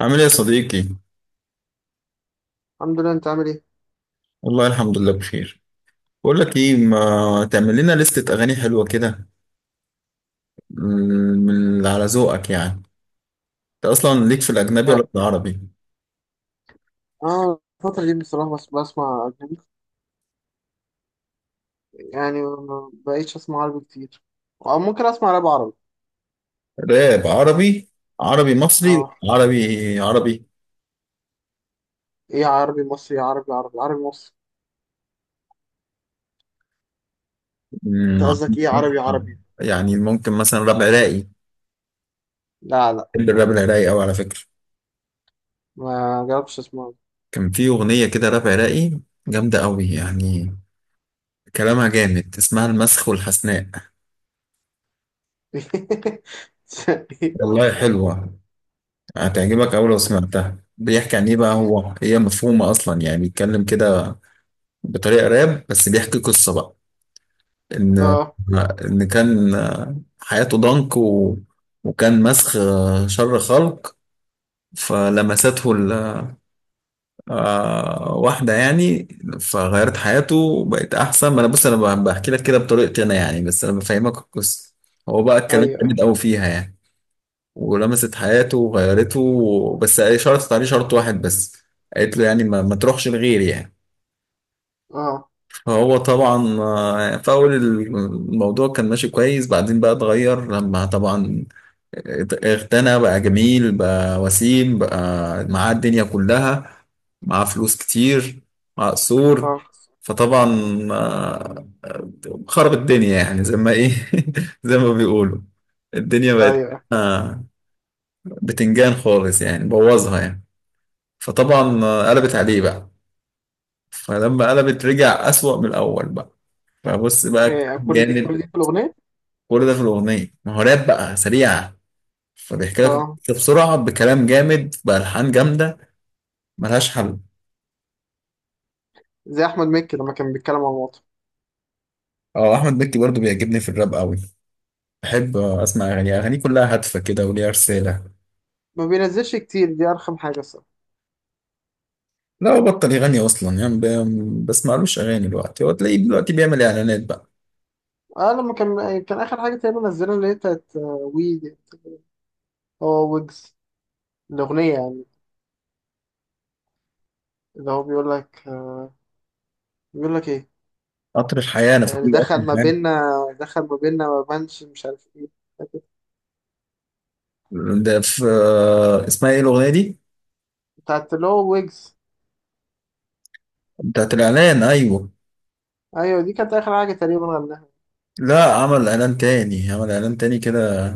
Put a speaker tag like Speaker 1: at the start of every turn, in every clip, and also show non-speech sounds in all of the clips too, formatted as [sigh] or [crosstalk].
Speaker 1: عامل ايه يا صديقي؟
Speaker 2: الحمد لله، انت عامل ايه؟
Speaker 1: والله الحمد لله بخير. بقول لك ايه، ما تعمل لنا لستة اغاني حلوة كده، من اللي على ذوقك يعني. انت اصلا ليك في الاجنبي ولا
Speaker 2: انت
Speaker 1: في العربي؟
Speaker 2: اه الفترة دي بصراحة بس بسمع أجنبي. يعني ما بقيتش أسمع عربي كتير، أو ممكن أسمع راب عربي.
Speaker 1: راب عربي، عربي مصري،
Speaker 2: اه،
Speaker 1: عربي عربي.
Speaker 2: ايه، عربي مصري، عربي عربي، عربي مصري. انت
Speaker 1: مم،
Speaker 2: قصدك ايه عربي عربي؟
Speaker 1: يعني ممكن مثلا راب عراقي.
Speaker 2: لا لا،
Speaker 1: بحب الراب العراقي قوي على فكرة.
Speaker 2: ما جربتش أسمع.
Speaker 1: كان في اغنية كده راب عراقي، جامدة قوي يعني، كلامها جامد، اسمها المسخ والحسناء.
Speaker 2: [laughs]
Speaker 1: والله حلوة، هتعجبك أوي لو سمعتها. بيحكي عن إيه بقى؟ هو هي مفهومة أصلا يعني، بيتكلم كده بطريقة راب بس بيحكي قصة بقى. إن
Speaker 2: اه،
Speaker 1: إن كان حياته ضنك وكان مسخ، شر خلق. فلمسته واحدة يعني، فغيرت حياته وبقت أحسن. ما أنا بص، أنا بحكي لك كده بطريقتي أنا يعني، بس أنا بفهمك القصة. هو بقى الكلام
Speaker 2: ايوه.
Speaker 1: جامد أوي فيها يعني. ولمست حياته وغيرته، بس هي شرطت عليه شرط واحد بس. قالت له يعني ما تروحش لغيري يعني.
Speaker 2: اه.
Speaker 1: فهو طبعا في أول الموضوع كان ماشي كويس، بعدين بقى اتغير لما طبعا اغتنى بقى، جميل بقى، وسيم بقى. معاه الدنيا كلها، معاه فلوس كتير، معاه قصور.
Speaker 2: اه،
Speaker 1: فطبعا آه، خرب الدنيا يعني، زي ما ايه [laughs] زي ما بيقولوا. الدنيا بقت
Speaker 2: ايوه.
Speaker 1: آه، بتنجان خالص يعني، بوظها يعني. فطبعا قلبت عليه بقى. فلما قلبت رجع أسوأ من الأول بقى. فبص بقى
Speaker 2: ايه،
Speaker 1: كلام
Speaker 2: كل دي كل
Speaker 1: جامد.
Speaker 2: دي في الأغنية؟
Speaker 1: كل ده في الأغنية، ما هو راب بقى سريعة، فبيحكي لك
Speaker 2: اه.
Speaker 1: بسرعة بكلام جامد بألحان جامدة، ملهاش حل.
Speaker 2: زي أحمد مكي لما كان بيتكلم عن الوطن.
Speaker 1: اه أحمد مكي برضو بيعجبني في الراب قوي. بحب أسمع أغانيه. كلها هادفة كده وليها رسالة.
Speaker 2: ما بينزلش كتير، دي أرخم حاجة الصراحة.
Speaker 1: لا هو بطل يغني أصلا يعني، بسمعلوش أغاني دلوقتي. هو تلاقيه دلوقتي بيعمل إعلانات بقى.
Speaker 2: اه، لما كان اخر حاجه تقريبا نزلها اللي هي بتاعت وي. هو ويجز، الأغنية يعني، اللي هو بيقول لك بيقول لك إيه.
Speaker 1: قطر الحياة، أنا فاكر له قطر
Speaker 2: دخل ما
Speaker 1: الحياة.
Speaker 2: بيننا، دخل ما بيننا، ما بانش مش عارف إيه.
Speaker 1: ده في اسمها إيه الأغنية دي؟
Speaker 2: بتاعت اللي هو ويجز.
Speaker 1: بتاعت الإعلان أيوه.
Speaker 2: أيوة دي كانت آخر حاجة تقريبا غناها.
Speaker 1: لا، عمل اعلان تاني، عمل اعلان تاني كده.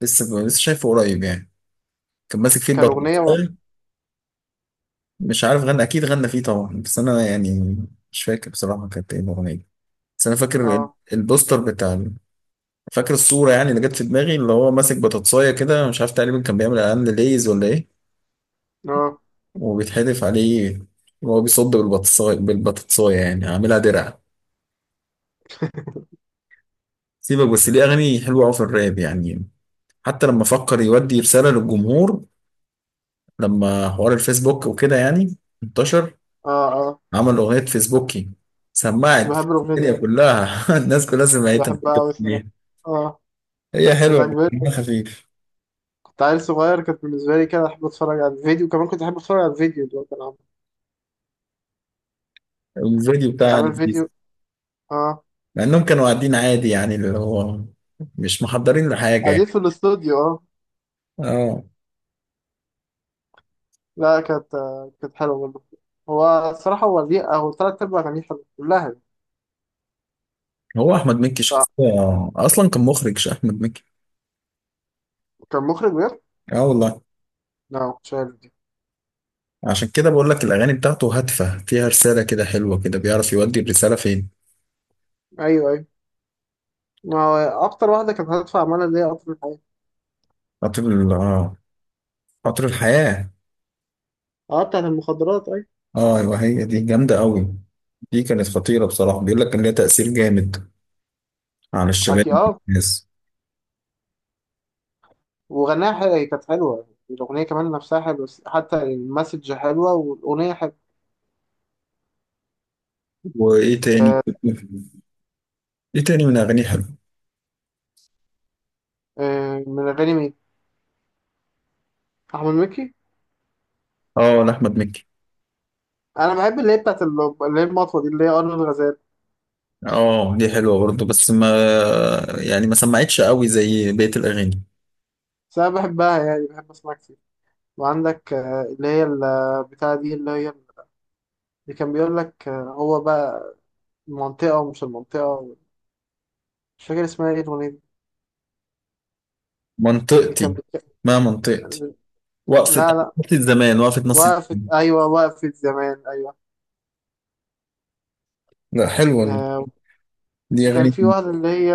Speaker 1: لسه شايفه قريب يعني، كان ماسك فيه
Speaker 2: كان
Speaker 1: البطل.
Speaker 2: أغنية و...
Speaker 1: مش عارف غنى، اكيد غنى فيه طبعا، بس انا يعني مش فاكر بصراحه كانت ايه الاغنيه. بس انا فاكر
Speaker 2: آه.
Speaker 1: البوستر فاكر الصوره يعني، اللي جت في دماغي، اللي هو ماسك بطاطسايه كده. مش عارف، تقريبا كان بيعمل اعلان لليز ولا ايه،
Speaker 2: آه.
Speaker 1: وبيتحدف عليه وهو بيصد بالبطاطسايه بالبطاطسايه يعني، عاملها درع. سيبك، بس ليه اغاني حلوه قوي في الراب يعني. حتى لما فكر يودي رساله للجمهور، لما حوار الفيسبوك وكده يعني انتشر،
Speaker 2: آه. آه.
Speaker 1: عمل أغنية فيسبوكي،
Speaker 2: كنت
Speaker 1: سمعت
Speaker 2: بحب الأغنية دي
Speaker 1: الدنيا
Speaker 2: أوي.
Speaker 1: كلها. [laughs] الناس كلها
Speaker 2: كنت
Speaker 1: سمعتها.
Speaker 2: بحبها أوي الصراحة. آه.
Speaker 1: هي
Speaker 2: كانت
Speaker 1: حلوة،
Speaker 2: عجباني.
Speaker 1: بس خفيف.
Speaker 2: كنت عيل صغير، كانت بالنسبة لي كده أحب أتفرج على الفيديو كمان، كنت أحب أتفرج على الفيديو اللي هو كان عامل.
Speaker 1: الفيديو
Speaker 2: كان
Speaker 1: بتاعها
Speaker 2: عامل
Speaker 1: لذيذ،
Speaker 2: فيديو. آه.
Speaker 1: مع إنهم كانوا قاعدين عادي يعني، اللي هو مش محضرين لحاجة
Speaker 2: قاعدين
Speaker 1: يعني.
Speaker 2: في الاستوديو، آه.
Speaker 1: اه،
Speaker 2: لا، كانت حلوة برضه. هو الصراحة، هو ليه، هو تلات أرباع أغانيه حلوة كلها يعني.
Speaker 1: هو أحمد مكي شخصية، أصلا كان مخرج أحمد مكي.
Speaker 2: كان مخرج بجد؟
Speaker 1: اه والله.
Speaker 2: لا مش عارف دي.
Speaker 1: عشان كده بقول لك الأغاني بتاعته هادفة، فيها رسالة كده، حلوة كده، بيعرف يودي الرسالة فين.
Speaker 2: أيوه أيوه. ما هو أكتر واحدة كانت هتدفع عمالة اللي هي قطر الحياة.
Speaker 1: خاطر ال- اه خاطر الحياة.
Speaker 2: أه، بتاعت المخدرات أيوه.
Speaker 1: اه ايوه، هي دي جامده قوي. دي كانت خطيره بصراحه، بيقول لك ان ليها تاثير جامد على
Speaker 2: أكيد
Speaker 1: الشباب
Speaker 2: أه.
Speaker 1: والناس.
Speaker 2: وغناها حلوة، هي كانت حلوة الأغنية كمان، نفسها حلوة، بس حتى المسج حلوة والأغنية حلوة.
Speaker 1: وايه
Speaker 2: آه.
Speaker 1: تاني؟ ايه تاني من اغانيه حلو؟
Speaker 2: آه، من أغاني مين؟ أحمد مكي؟
Speaker 1: اه لاحمد مكي.
Speaker 2: أنا بحب اللي هي بتاعت ال- اللي هي المطوة دي اللي هي أرض الغزال.
Speaker 1: اه دي حلوه برضه، بس ما يعني ما سمعتش قوي زي بقيه الاغاني.
Speaker 2: بس أنا بحبها، يعني بحب أسمعها كتير. وعندك اللي هي اللي كان بيقول لك هو بقى المنطقة ومش المنطقة. مش فاكر اسمها ايه الأغنية دي. اللي كان
Speaker 1: منطقتي،
Speaker 2: بيتك...
Speaker 1: ما منطقتي، وقفه
Speaker 2: لا لا.
Speaker 1: وقفه زمان، وقفه نص.
Speaker 2: وقفت، أيوة، وقفت زمان أيوة.
Speaker 1: لا حلوه دي،
Speaker 2: آه.
Speaker 1: دي
Speaker 2: وكان
Speaker 1: اغاني.
Speaker 2: في واحدة اللي هي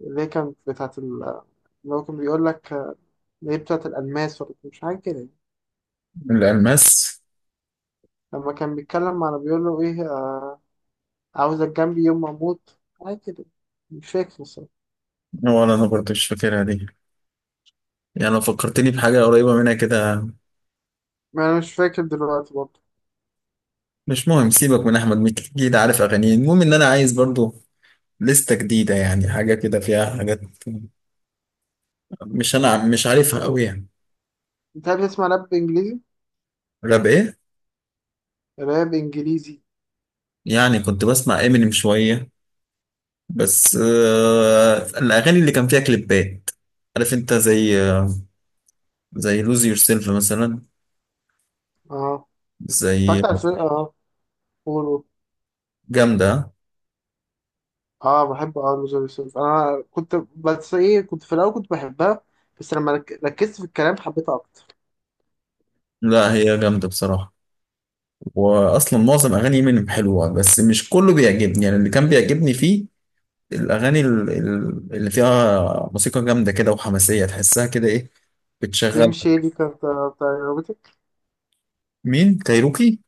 Speaker 2: اللي هي كانت بتاعت ال... اللي هو كان بيقول لك اللي هي بتاعت الألماس ولا مش حاجة كده.
Speaker 1: الالماس،
Speaker 2: لما كان بيتكلم على بيقول له إيه عاوزك جنبي يوم ما أموت، حاجة كده. مش فاكر الصراحة.
Speaker 1: ولا انا برضه مش فاكرها دي، يعني لو فكرتني بحاجه قريبه منها كده.
Speaker 2: ما أنا مش فاكر دلوقتي برضه.
Speaker 1: مش مهم، سيبك من احمد مكي، اكيد عارف اغانيه. المهم ان انا عايز برضو لستة جديدة يعني، حاجة كده فيها حاجات مش عارفها قوي يعني.
Speaker 2: أنت بتسمع راب إنجليزي؟
Speaker 1: راب ايه؟
Speaker 2: راب إنجليزي.
Speaker 1: يعني كنت بسمع امينيم شوية، بس آه الاغاني اللي كان فيها كليبات. عارف انت، زي لوز يور سيلف مثلا.
Speaker 2: أه،
Speaker 1: زي
Speaker 2: اتفرجت على الفيلم، أه. قول قول.
Speaker 1: جامدة.
Speaker 2: اه، بحب. اه، لوز يوسف. انا كنت، بس ايه، كنت في الاول كنت بحبها، بس لما ركزت في الكلام حبيتها اكتر.
Speaker 1: لا هي جامدة بصراحة، واصلا معظم اغاني امينيم حلوة، بس مش كله بيعجبني يعني. اللي كان بيعجبني فيه الأغاني اللي فيها موسيقى جامدة كده وحماسية، تحسها كده إيه؟
Speaker 2: سليم
Speaker 1: بتشغل.
Speaker 2: شادي كانت بتاع عربيتك.
Speaker 1: مين، كايروكي؟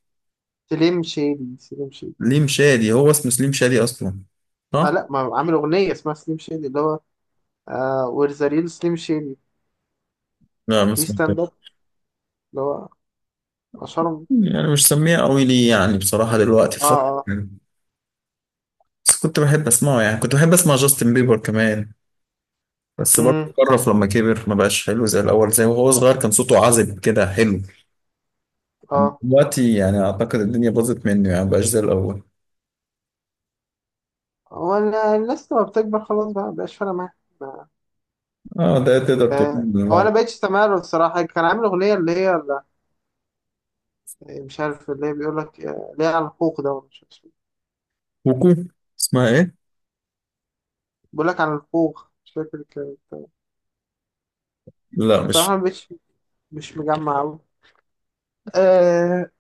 Speaker 2: سليم شادي.
Speaker 1: ليم شادي هو اسمه سليم شادي أصلا،
Speaker 2: اه
Speaker 1: صح؟
Speaker 2: لا، ما عامل اغنيه اسمها سليم شادي، اللي هو آه وير ذا ريل سليم شادي،
Speaker 1: لا ما
Speaker 2: بليز
Speaker 1: اسمه،
Speaker 2: ستاند اب. اللي هو اشهرهم.
Speaker 1: يعني مش سميه قوي لي يعني بصراحة دلوقتي
Speaker 2: اه.
Speaker 1: الفترة.
Speaker 2: اه.
Speaker 1: بس كنت بحب أسمعه يعني. كنت بحب أسمع جاستن بيبر كمان، بس برضه
Speaker 2: امم
Speaker 1: قرف لما كبر، ما بقاش حلو زي الأول. زي وهو صغير كان صوته عذب كده، حلو. أما
Speaker 2: اه.
Speaker 1: دلوقتي يعني أعتقد الدنيا باظت منه يعني، ما بقاش زي الأول.
Speaker 2: هو أنا الناس لما بتكبر خلاص بقى مبقاش فارقه معاها. ما-
Speaker 1: اه، ده تقدر تقول.
Speaker 2: هو
Speaker 1: لا.
Speaker 2: انا بقيتش سامع له الصراحه، كان عامل اغنيه اللي هي اللي مش عارف اللي هي بيقول لك اللي هي على الحقوق ده ولا مش عارف.
Speaker 1: كوكو، اسمها ايه؟
Speaker 2: بقول لك على الخوخ، مش فاكر كانت،
Speaker 1: لا مش.
Speaker 2: صراحة مش مجمع أوي. آه.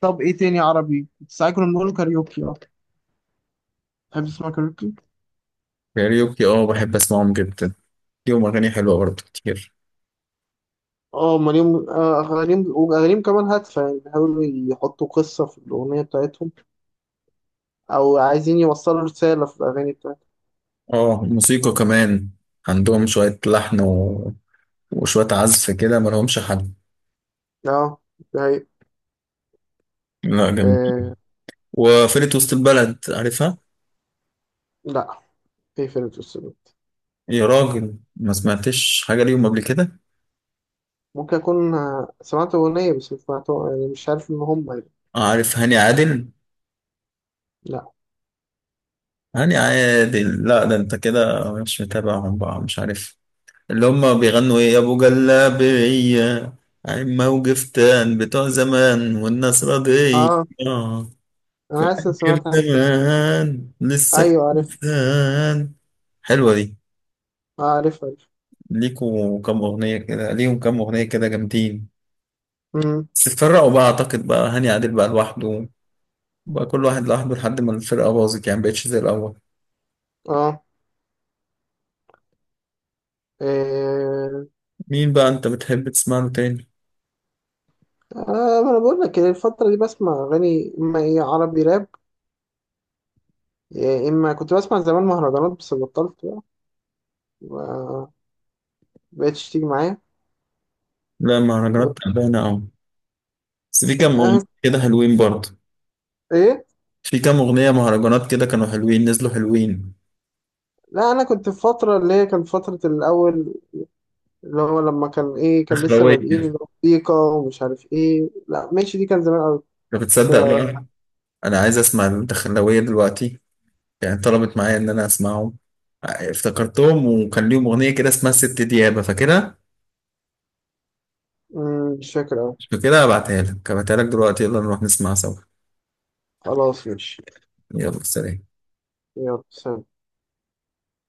Speaker 2: طب إيه تاني عربي؟ ساعات كنا بنقول كاريوكي، أه. تحب تسمع كاريوكي؟
Speaker 1: كاريوكي اه، بحب اسمعهم جدا، ليهم اغاني حلوه برضه كتير.
Speaker 2: أه، أمال، أغانيهم كمان هادفة، يعني بيحاولوا يحطوا قصة في الأغنية بتاعتهم، أو عايزين يوصلوا رسالة في الأغاني بتاعتهم.
Speaker 1: اه موسيقى كمان، عندهم شويه لحن وشويه عزف كده، ما لهمش حل.
Speaker 2: أه. ده هي-
Speaker 1: لا جميل.
Speaker 2: آه.
Speaker 1: وفرقه وسط البلد، عارفها؟
Speaker 2: لأ. في فرقة السلوك.
Speaker 1: يا راجل ما سمعتش حاجه ليهم قبل كده.
Speaker 2: ممكن أكون سمعت أغنية، بس مش سمعتها يعني، مش عارف إن هم يعني.
Speaker 1: عارف هاني عادل؟
Speaker 2: لأ.
Speaker 1: هاني عادل، لا ده انت كده مش متابعهم بقى، مش عارف. اللي هم بيغنوا ايه يا ابو جلابيه، عين موجفتان، بتوع زمان، والناس راضية.
Speaker 2: أه.
Speaker 1: آه.
Speaker 2: أنا حاسس إن سمعت حاجة.
Speaker 1: كبدان لسه،
Speaker 2: أيوه عارف.
Speaker 1: كبدان، حلوة دي.
Speaker 2: آه، عارف.
Speaker 1: ليكوا كام أغنية كده، ليهم كام أغنية كده جامدين.
Speaker 2: عارف.
Speaker 1: بس اتفرقوا بقى، أعتقد بقى هاني عادل بقى لوحده، بقى كل واحد لوحده، لحد ما الفرقة باظت يعني، مبقتش زي الأول.
Speaker 2: اه. إيه.
Speaker 1: مين بقى أنت بتحب تسمع له تاني؟
Speaker 2: ما انا بقول لك الفترة دي بسمع اغاني، اما ايه، عربي راب. إيه، اما كنت بسمع زمان مهرجانات بس بطلت بقى، ما بقتش تيجي معايا.
Speaker 1: لا
Speaker 2: و...
Speaker 1: مهرجانات تعبانة أوي. بس في كام أغنية
Speaker 2: آه.
Speaker 1: كده حلوين برضه،
Speaker 2: ايه.
Speaker 1: في كام أغنية مهرجانات كده كانوا حلوين، نزلوا حلوين.
Speaker 2: لا انا كنت في فترة اللي هي كانت فترة الاول، اللي هو لما كان ايه، كان لسه
Speaker 1: دخلاوية،
Speaker 2: بادئين اللي هو موسيقى، ومش عارف ايه، لا ماشي، دي كان زمان قوي.
Speaker 1: أنت
Speaker 2: بس
Speaker 1: بتصدق بقى؟ أنا عايز أسمع الدخلاوية دلوقتي، يعني طلبت معايا ان انا اسمعهم. افتكرتهم، وكان ليهم اغنيه كده اسمها ست ديابه، فاكرها؟
Speaker 2: مش فاكر أوي.
Speaker 1: مش فاكرها، هبعتها لك، هبعتها لك دلوقتي، يلا نروح نسمعها سوا.
Speaker 2: خلاص ماشي.
Speaker 1: يلا سلام.
Speaker 2: يلا سلام.